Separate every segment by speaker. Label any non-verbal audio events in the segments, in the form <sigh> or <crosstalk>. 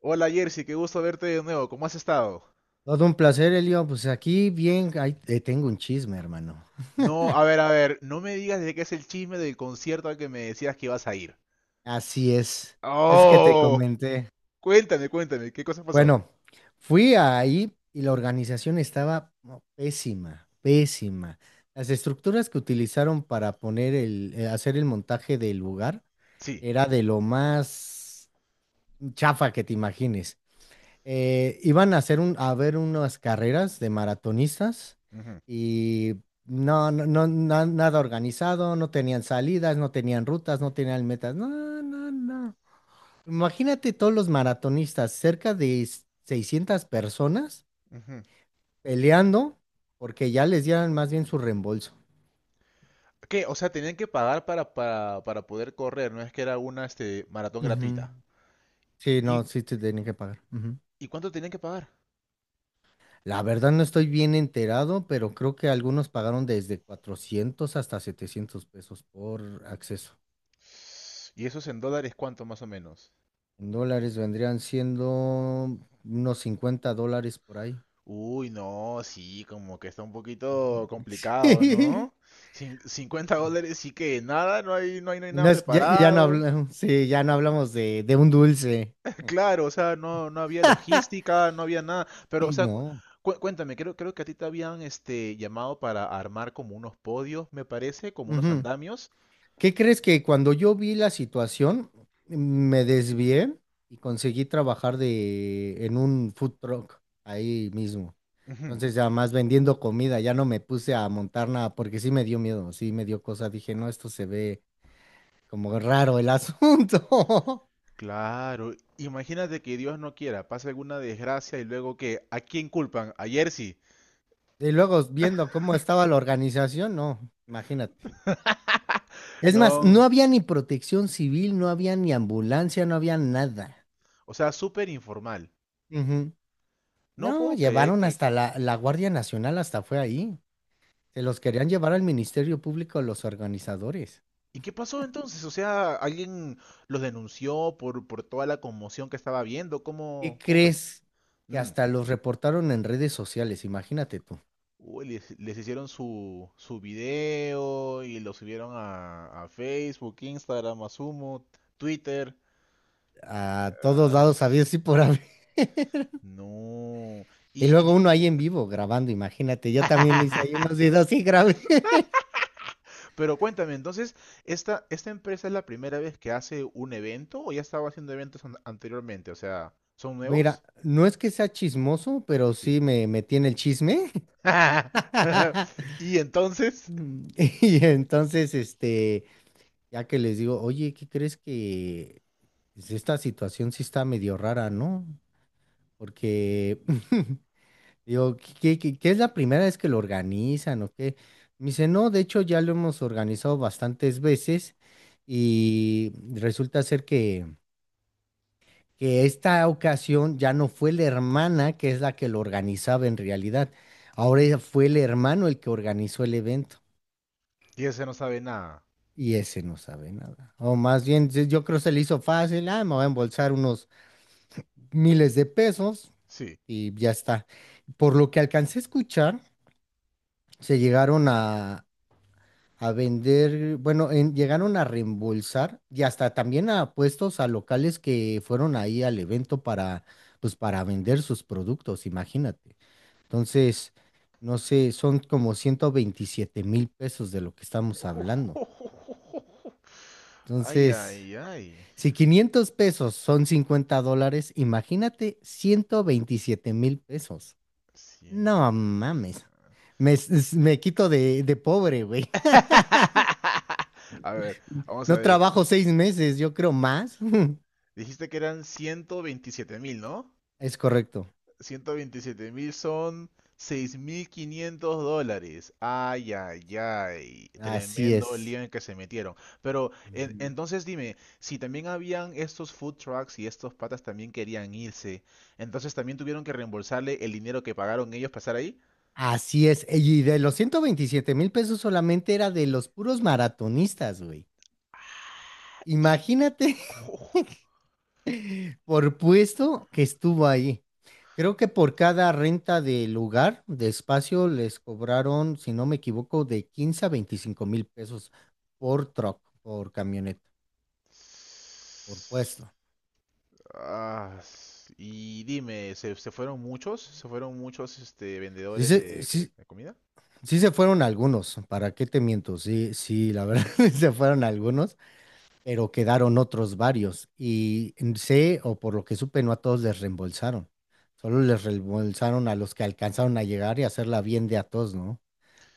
Speaker 1: Hola Jersey, qué gusto verte de nuevo. ¿Cómo has estado?
Speaker 2: Todo un placer, Elio. Pues aquí bien, ahí te tengo un chisme, hermano.
Speaker 1: No, a ver, no me digas de qué es el chisme del concierto al que me decías que ibas a ir.
Speaker 2: Así es. Es que te
Speaker 1: Oh,
Speaker 2: comenté.
Speaker 1: cuéntame, cuéntame, ¿qué cosa pasó?
Speaker 2: Bueno, fui ahí y la organización estaba no, pésima, pésima. Las estructuras que utilizaron para poner hacer el montaje del lugar
Speaker 1: Sí.
Speaker 2: era de lo más chafa que te imagines. Iban a hacer a ver unas carreras de maratonistas
Speaker 1: Ujú,
Speaker 2: y no, no, no, nada organizado, no tenían salidas, no tenían rutas, no tenían metas. No, no, no. Imagínate todos los maratonistas, cerca de 600 personas
Speaker 1: ujú.
Speaker 2: peleando porque ya les dieran más bien su reembolso.
Speaker 1: ¿Qué? O sea, tenían que pagar para poder correr, no es que era una maratón
Speaker 2: Ujú.
Speaker 1: gratuita.
Speaker 2: Sí, no,
Speaker 1: ¿Y,
Speaker 2: sí te tenían que pagar. Ujú.
Speaker 1: y cuánto tenían que pagar?
Speaker 2: La verdad no estoy bien enterado, pero creo que algunos pagaron desde 400 hasta 700 pesos por acceso.
Speaker 1: ¿Y eso es en dólares cuánto más o menos?
Speaker 2: En dólares vendrían siendo unos 50 dólares por ahí.
Speaker 1: Uy, no, sí, como que está un poquito complicado, ¿no?
Speaker 2: <laughs>
Speaker 1: $50 sí que nada, no hay nada
Speaker 2: Ya no
Speaker 1: preparado.
Speaker 2: hablamos, <laughs> sí, ya no hablamos de un dulce.
Speaker 1: <laughs> Claro, o sea, no, no había logística, no había nada. Pero, o
Speaker 2: Sí,
Speaker 1: sea,
Speaker 2: no.
Speaker 1: cuéntame, creo, creo que a ti te habían llamado para armar como unos podios, me parece, como unos
Speaker 2: Ujú.
Speaker 1: andamios.
Speaker 2: ¿Qué crees que cuando yo vi la situación, me desvié y conseguí trabajar en un food truck ahí mismo?
Speaker 1: Ujú.
Speaker 2: Entonces, ya más vendiendo comida, ya no me puse a montar nada porque sí me dio miedo, sí me dio cosa. Dije, no, esto se ve como raro el asunto. <laughs>
Speaker 1: Claro, imagínate que Dios no quiera, pase alguna desgracia y luego que, ¿a quién culpan? A Jersey.
Speaker 2: Y luego viendo cómo estaba la organización, no, imagínate. Es más, no
Speaker 1: No,
Speaker 2: había ni protección civil, no había ni ambulancia, no había nada.
Speaker 1: o sea, súper informal.
Speaker 2: Ujú.
Speaker 1: No
Speaker 2: No,
Speaker 1: puedo creer
Speaker 2: llevaron
Speaker 1: que...
Speaker 2: hasta la Guardia Nacional, hasta fue ahí. Se los querían llevar al Ministerio Público los organizadores.
Speaker 1: ¿Y qué pasó entonces? O sea, ¿alguien los denunció por toda la conmoción que estaba viendo?
Speaker 2: ¿Qué
Speaker 1: ¿Cómo, cómo fue?
Speaker 2: crees? Que
Speaker 1: Ujú.
Speaker 2: hasta los reportaron en redes sociales, imagínate tú.
Speaker 1: Uy, les hicieron su, su video y lo subieron a Facebook, Instagram, Asumo, Twitter.
Speaker 2: A todos
Speaker 1: Ah,
Speaker 2: lados, había sí por haber.
Speaker 1: no.
Speaker 2: Y
Speaker 1: Y,
Speaker 2: luego
Speaker 1: di-
Speaker 2: uno ahí en vivo grabando, imagínate. Yo también hice ahí unos
Speaker 1: <laughs>
Speaker 2: videos y grabé.
Speaker 1: Pero cuéntame, entonces, ¿esta, esta empresa es la primera vez que hace un evento o ya estaba haciendo eventos anteriormente? O sea, ¿son nuevos?
Speaker 2: Mira, no es que sea chismoso, pero sí me tiene el chisme. <laughs>
Speaker 1: <laughs> Y entonces,
Speaker 2: Mm, <laughs> Y entonces, ya que les digo, oye, ¿qué crees que pues, esta situación sí está medio rara, ¿no? Porque <laughs> digo, ¿qué es la primera vez que lo organizan o qué? Me dice, no, de hecho ya lo hemos organizado bastantes veces y resulta ser que esta ocasión ya no fue la hermana que es la que lo organizaba en realidad. Ahora ya fue el hermano el que organizó el evento
Speaker 1: y ese no sabe nada.
Speaker 2: y ese no sabe nada. O más bien, yo creo se le hizo fácil, ah, me voy a embolsar unos miles de pesos
Speaker 1: Sí.
Speaker 2: y ya está. Por lo que alcancé a escuchar, se llegaron a vender, bueno, llegaron a reembolsar y hasta también a puestos a locales que fueron ahí al evento para vender sus productos, imagínate. Entonces, no sé, son como 127,000 pesos de lo que estamos hablando.
Speaker 1: <laughs> Ay,
Speaker 2: Entonces,
Speaker 1: ay, ay.
Speaker 2: si 500 pesos son 50 dólares, imagínate 127,000 pesos.
Speaker 1: Ciento.
Speaker 2: No mames. Me, s- me quito de pobre, güey. <laughs>
Speaker 1: <laughs> A ver, vamos a
Speaker 2: No
Speaker 1: ver.
Speaker 2: trabajo 6 meses, yo creo más. <laughs>
Speaker 1: Dijiste que eran 127 mil, ¿no?
Speaker 2: Es correcto.
Speaker 1: 127 mil son $6.500. Ay, ay, ay.
Speaker 2: Así
Speaker 1: Tremendo lío
Speaker 2: es.
Speaker 1: en el que se metieron. Pero
Speaker 2: Ujú.
Speaker 1: entonces dime, si también habían estos food trucks y estos patas también querían irse, entonces también tuvieron que reembolsarle el dinero que pagaron ellos para estar ahí.
Speaker 2: Así es. Y de los 127,000 pesos solamente era de los puros maratonistas, güey.
Speaker 1: Y...
Speaker 2: Imagínate.
Speaker 1: ¡Uf!
Speaker 2: Por puesto que estuvo ahí. Creo que por cada renta de lugar, de espacio, les cobraron, si no me equivoco, de 15,000 a 25,000 pesos por truck, por camioneta, por puesto.
Speaker 1: Y dime, ¿se, se fueron muchos? ¿Se fueron muchos
Speaker 2: Sí
Speaker 1: vendedores
Speaker 2: se,
Speaker 1: de,
Speaker 2: sí,
Speaker 1: de comida?
Speaker 2: sí se fueron algunos, ¿para qué te miento? Sí, sí, la verdad, <laughs> se fueron algunos, pero quedaron otros varios. Y sé, o por lo que supe, no a todos les reembolsaron. Solo les reembolsaron a los que alcanzaron a llegar y hacerla bien de a todos, ¿no?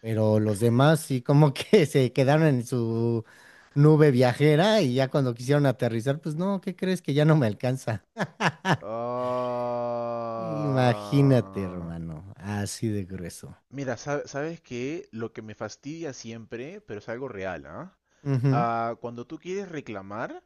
Speaker 2: Pero los demás sí como que <laughs> se quedaron en su nube viajera y ya cuando quisieron aterrizar, pues no, ¿qué crees que ya no me alcanza? Imagínate,
Speaker 1: Ah,
Speaker 2: hermano, así de grueso.
Speaker 1: mira, ¿sabes que Lo que me fastidia siempre, pero es algo real, ¿ah?
Speaker 2: Ujú,
Speaker 1: Ah, cuando tú quieres reclamar,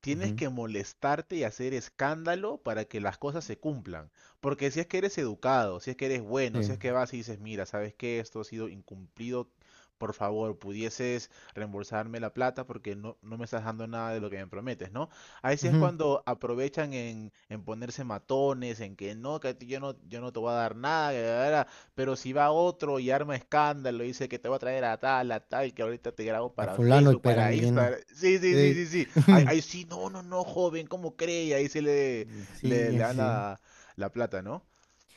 Speaker 1: tienes
Speaker 2: ujú,
Speaker 1: que molestarte y hacer escándalo para que las cosas se cumplan. Porque si es que eres educado, si es que eres bueno, si
Speaker 2: sí,
Speaker 1: es que vas y dices, mira, sabes que esto ha sido incumplido, por favor, pudieses reembolsarme la plata porque no, no me estás dando nada de lo que me prometes, ¿no? Ahí sí es
Speaker 2: ujú.
Speaker 1: cuando aprovechan en ponerse matones, en que no, que a ti yo no, yo no te voy a dar nada, que la, la, la". Pero si va otro y arma escándalo y dice que te voy a traer a tal, que ahorita te grabo
Speaker 2: A
Speaker 1: para
Speaker 2: fulano y
Speaker 1: Facebook, para
Speaker 2: peranguino.
Speaker 1: Instagram. Sí, sí, sí,
Speaker 2: Sí,
Speaker 1: sí, sí. Ahí,
Speaker 2: <laughs>
Speaker 1: ahí sí, no, no, no, joven, ¿cómo cree? Y ahí sí le
Speaker 2: sí,
Speaker 1: dan
Speaker 2: sí.
Speaker 1: la, la plata, ¿no?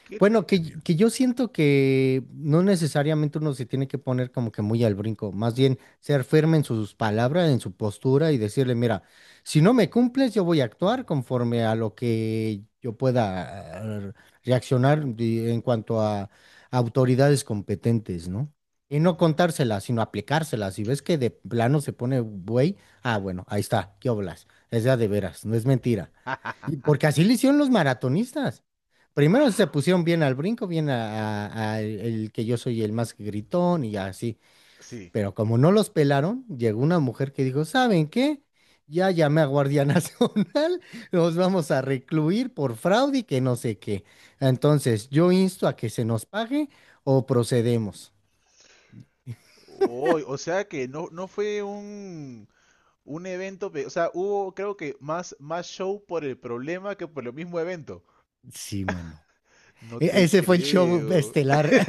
Speaker 1: Qué
Speaker 2: Bueno, que,
Speaker 1: terrible.
Speaker 2: que yo siento que no necesariamente uno se tiene que poner como que muy al brinco, más bien ser firme en sus palabras, en su postura y decirle, mira, si no me cumples, yo voy a actuar conforme a lo que yo pueda eh, reaccionar en cuanto a autoridades competentes, ¿no? Y no
Speaker 1: Ujú.
Speaker 2: contárselas, sino aplicárselas. Si ves que de plano se pone güey, ah, bueno, ahí está, ¿qué oblas? Es ya de veras, no es mentira. Y
Speaker 1: <laughs>
Speaker 2: porque así le hicieron los maratonistas. Primero se
Speaker 1: Ah,
Speaker 2: pusieron bien al brinco, bien a el que yo soy el más gritón y así.
Speaker 1: sí.
Speaker 2: Pero como no los pelaron, llegó una mujer que dijo, ¿saben qué? Ya llamé a Guardia <laughs> Nacional, los vamos a recluir por fraude y que no sé qué. Entonces, yo insto a que se nos pague o procedemos.
Speaker 1: Uy, o sea que no, no fue un evento, o sea, hubo creo que más, más show por el problema que por el mismo evento.
Speaker 2: Sí, mano.
Speaker 1: No te
Speaker 2: Ese fue el show
Speaker 1: creo.
Speaker 2: estelar.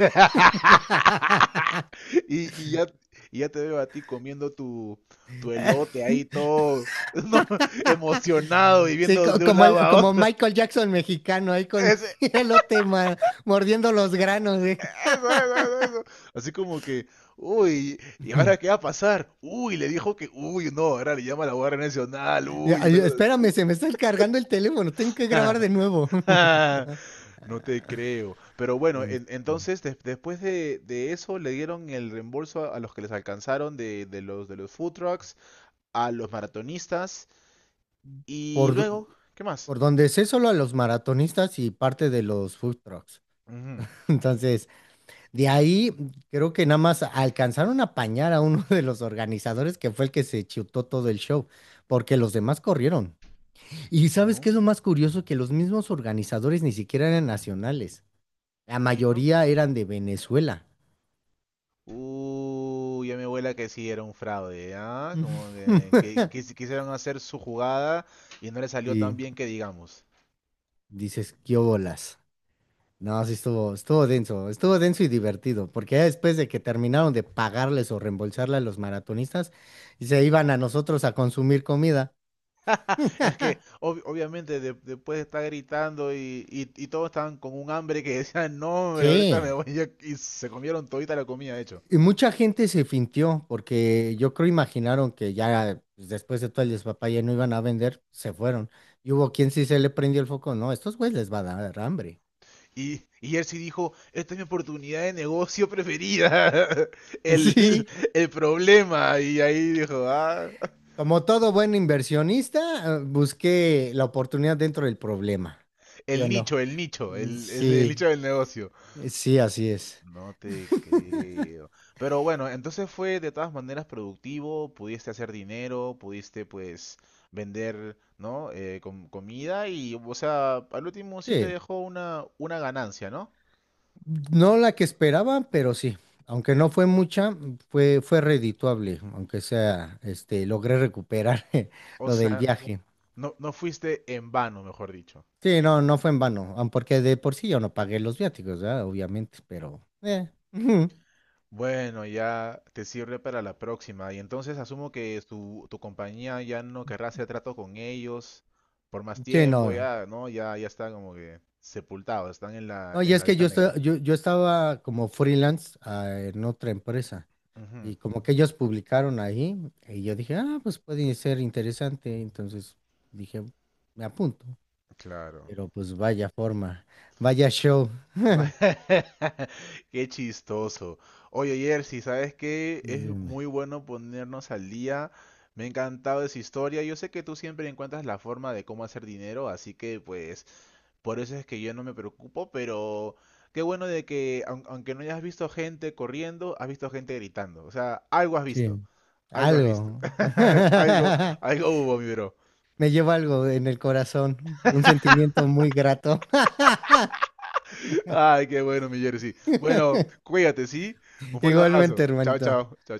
Speaker 2: <laughs>
Speaker 1: Y, y ya te veo a ti comiendo tu, tu elote ahí todo, <laughs> no, emocionado y
Speaker 2: Sí,
Speaker 1: viendo
Speaker 2: co-
Speaker 1: de un
Speaker 2: como,
Speaker 1: lado
Speaker 2: el-
Speaker 1: a
Speaker 2: como
Speaker 1: otro.
Speaker 2: Michael Jackson mexicano, ahí
Speaker 1: <laughs>
Speaker 2: con
Speaker 1: Ese-
Speaker 2: <laughs> el elote mordiendo los granos.
Speaker 1: eso, eso, eso, eso. Así como que, uy,
Speaker 2: <laughs>
Speaker 1: ¿y
Speaker 2: Ujú.
Speaker 1: ahora qué va a pasar? Uy, le dijo que, uy, no, ahora le llama a la Guardia Nacional,
Speaker 2: Ya,
Speaker 1: uy,
Speaker 2: ay,
Speaker 1: una
Speaker 2: espérame, se me está cargando el teléfono, tengo que grabar
Speaker 1: cosa.
Speaker 2: de nuevo. <laughs>
Speaker 1: <laughs> No te creo. Pero bueno,
Speaker 2: En-
Speaker 1: entonces después de eso le dieron el reembolso a los que les alcanzaron de los food trucks, a los maratonistas y
Speaker 2: Por, do-
Speaker 1: luego, ¿qué más?
Speaker 2: por donde sé solo a los maratonistas y parte de los food trucks.
Speaker 1: Ujú.
Speaker 2: <laughs> Entonces, de ahí creo que nada más alcanzaron a apañar a uno de los organizadores que fue el que se chutó todo el show, porque los demás corrieron. Y ¿sabes qué
Speaker 1: No.
Speaker 2: es lo más curioso? Que los mismos organizadores ni siquiera eran nacionales. La
Speaker 1: ¿Sí, no?
Speaker 2: mayoría eran de Venezuela.
Speaker 1: Ya me abuela que sí era un fraude, ¿ah? Como que
Speaker 2: <laughs>
Speaker 1: quisieron hacer su jugada y no le salió tan
Speaker 2: Sí,
Speaker 1: bien que digamos.
Speaker 2: dices, qué bolas. No, sí estuvo denso, estuvo denso y divertido, porque ya después de que terminaron de pagarles o reembolsarle a los maratonistas, se iban a nosotros a consumir comida.
Speaker 1: <laughs> Es que
Speaker 2: <laughs>
Speaker 1: obviamente después de estar gritando y, y todos estaban con un hambre que decían, no, hombre, ahorita me
Speaker 2: Sí,
Speaker 1: voy <laughs> a-". Y se comieron todita la comida, de hecho.
Speaker 2: y mucha gente se fintió, porque yo creo imaginaron que ya pues, después de todo el despapalle no iban a vender, se fueron. Y hubo quien sí se le prendió el foco, no, estos güeyes les va a dar hambre.
Speaker 1: Y él sí dijo, esta es mi oportunidad de negocio preferida, <laughs>
Speaker 2: <laughs>
Speaker 1: el,
Speaker 2: Sí.
Speaker 1: el problema. Y ahí dijo, ah,
Speaker 2: Como todo buen inversionista, busqué la oportunidad dentro del problema, ¿sí o
Speaker 1: el
Speaker 2: no?
Speaker 1: nicho, el nicho,
Speaker 2: Mm,
Speaker 1: el, el
Speaker 2: sí,
Speaker 1: nicho del negocio.
Speaker 2: sí, así es.
Speaker 1: No te creo. Pero bueno, entonces fue de todas maneras productivo, pudiste hacer dinero, pudiste pues vender, ¿no? Comida y, o sea, al último sí te
Speaker 2: Sí,
Speaker 1: dejó una ganancia, ¿no?
Speaker 2: no la que esperaba, pero sí. Aunque no fue mucha, fue redituable, aunque sea, logré recuperar <laughs>
Speaker 1: O
Speaker 2: lo del
Speaker 1: sea,
Speaker 2: viaje.
Speaker 1: no, no fuiste en vano, mejor dicho.
Speaker 2: Sí, no, no fue en vano, aun porque de por sí yo no pagué los viáticos, ¿verdad? Obviamente, pero... ujú.
Speaker 1: Bueno, ya te sirve para la próxima. Y entonces asumo que tu compañía ya no querrá hacer trato con ellos por más
Speaker 2: Sí,
Speaker 1: tiempo,
Speaker 2: no.
Speaker 1: ya, ¿no? Ya, ya está como que sepultados, están
Speaker 2: No, y
Speaker 1: en
Speaker 2: es
Speaker 1: la
Speaker 2: que
Speaker 1: lista
Speaker 2: yo,
Speaker 1: negra.
Speaker 2: estoy- yo, yo estaba como freelance, en otra empresa.
Speaker 1: Ujú.
Speaker 2: Y como que ellos publicaron ahí, y yo dije, ah, pues puede ser interesante. Entonces dije, me apunto.
Speaker 1: Claro.
Speaker 2: Pero pues vaya forma, vaya show.
Speaker 1: <laughs> Qué chistoso. Oye, Jersey, ¿sabes qué? Es
Speaker 2: Dime,
Speaker 1: muy bueno ponernos al día. Me ha encantado esa historia. Yo sé que tú siempre encuentras la forma de cómo hacer dinero, así que pues por eso es que yo no me preocupo, pero qué bueno de que aunque no hayas visto gente corriendo, has visto gente gritando. O sea, algo has visto.
Speaker 2: sí.
Speaker 1: Algo has visto.
Speaker 2: Algo.
Speaker 1: <laughs> Algo,
Speaker 2: <laughs>
Speaker 1: algo hubo, mi bro.
Speaker 2: Me llevo algo en el corazón, un sentimiento muy grato. <laughs>
Speaker 1: Ay, qué bueno, mi Jersey. Bueno, cuídate, ¿sí? Un fuerte
Speaker 2: Igualmente,
Speaker 1: abrazo. Chao,
Speaker 2: hermanito.
Speaker 1: chao. Chao, chao.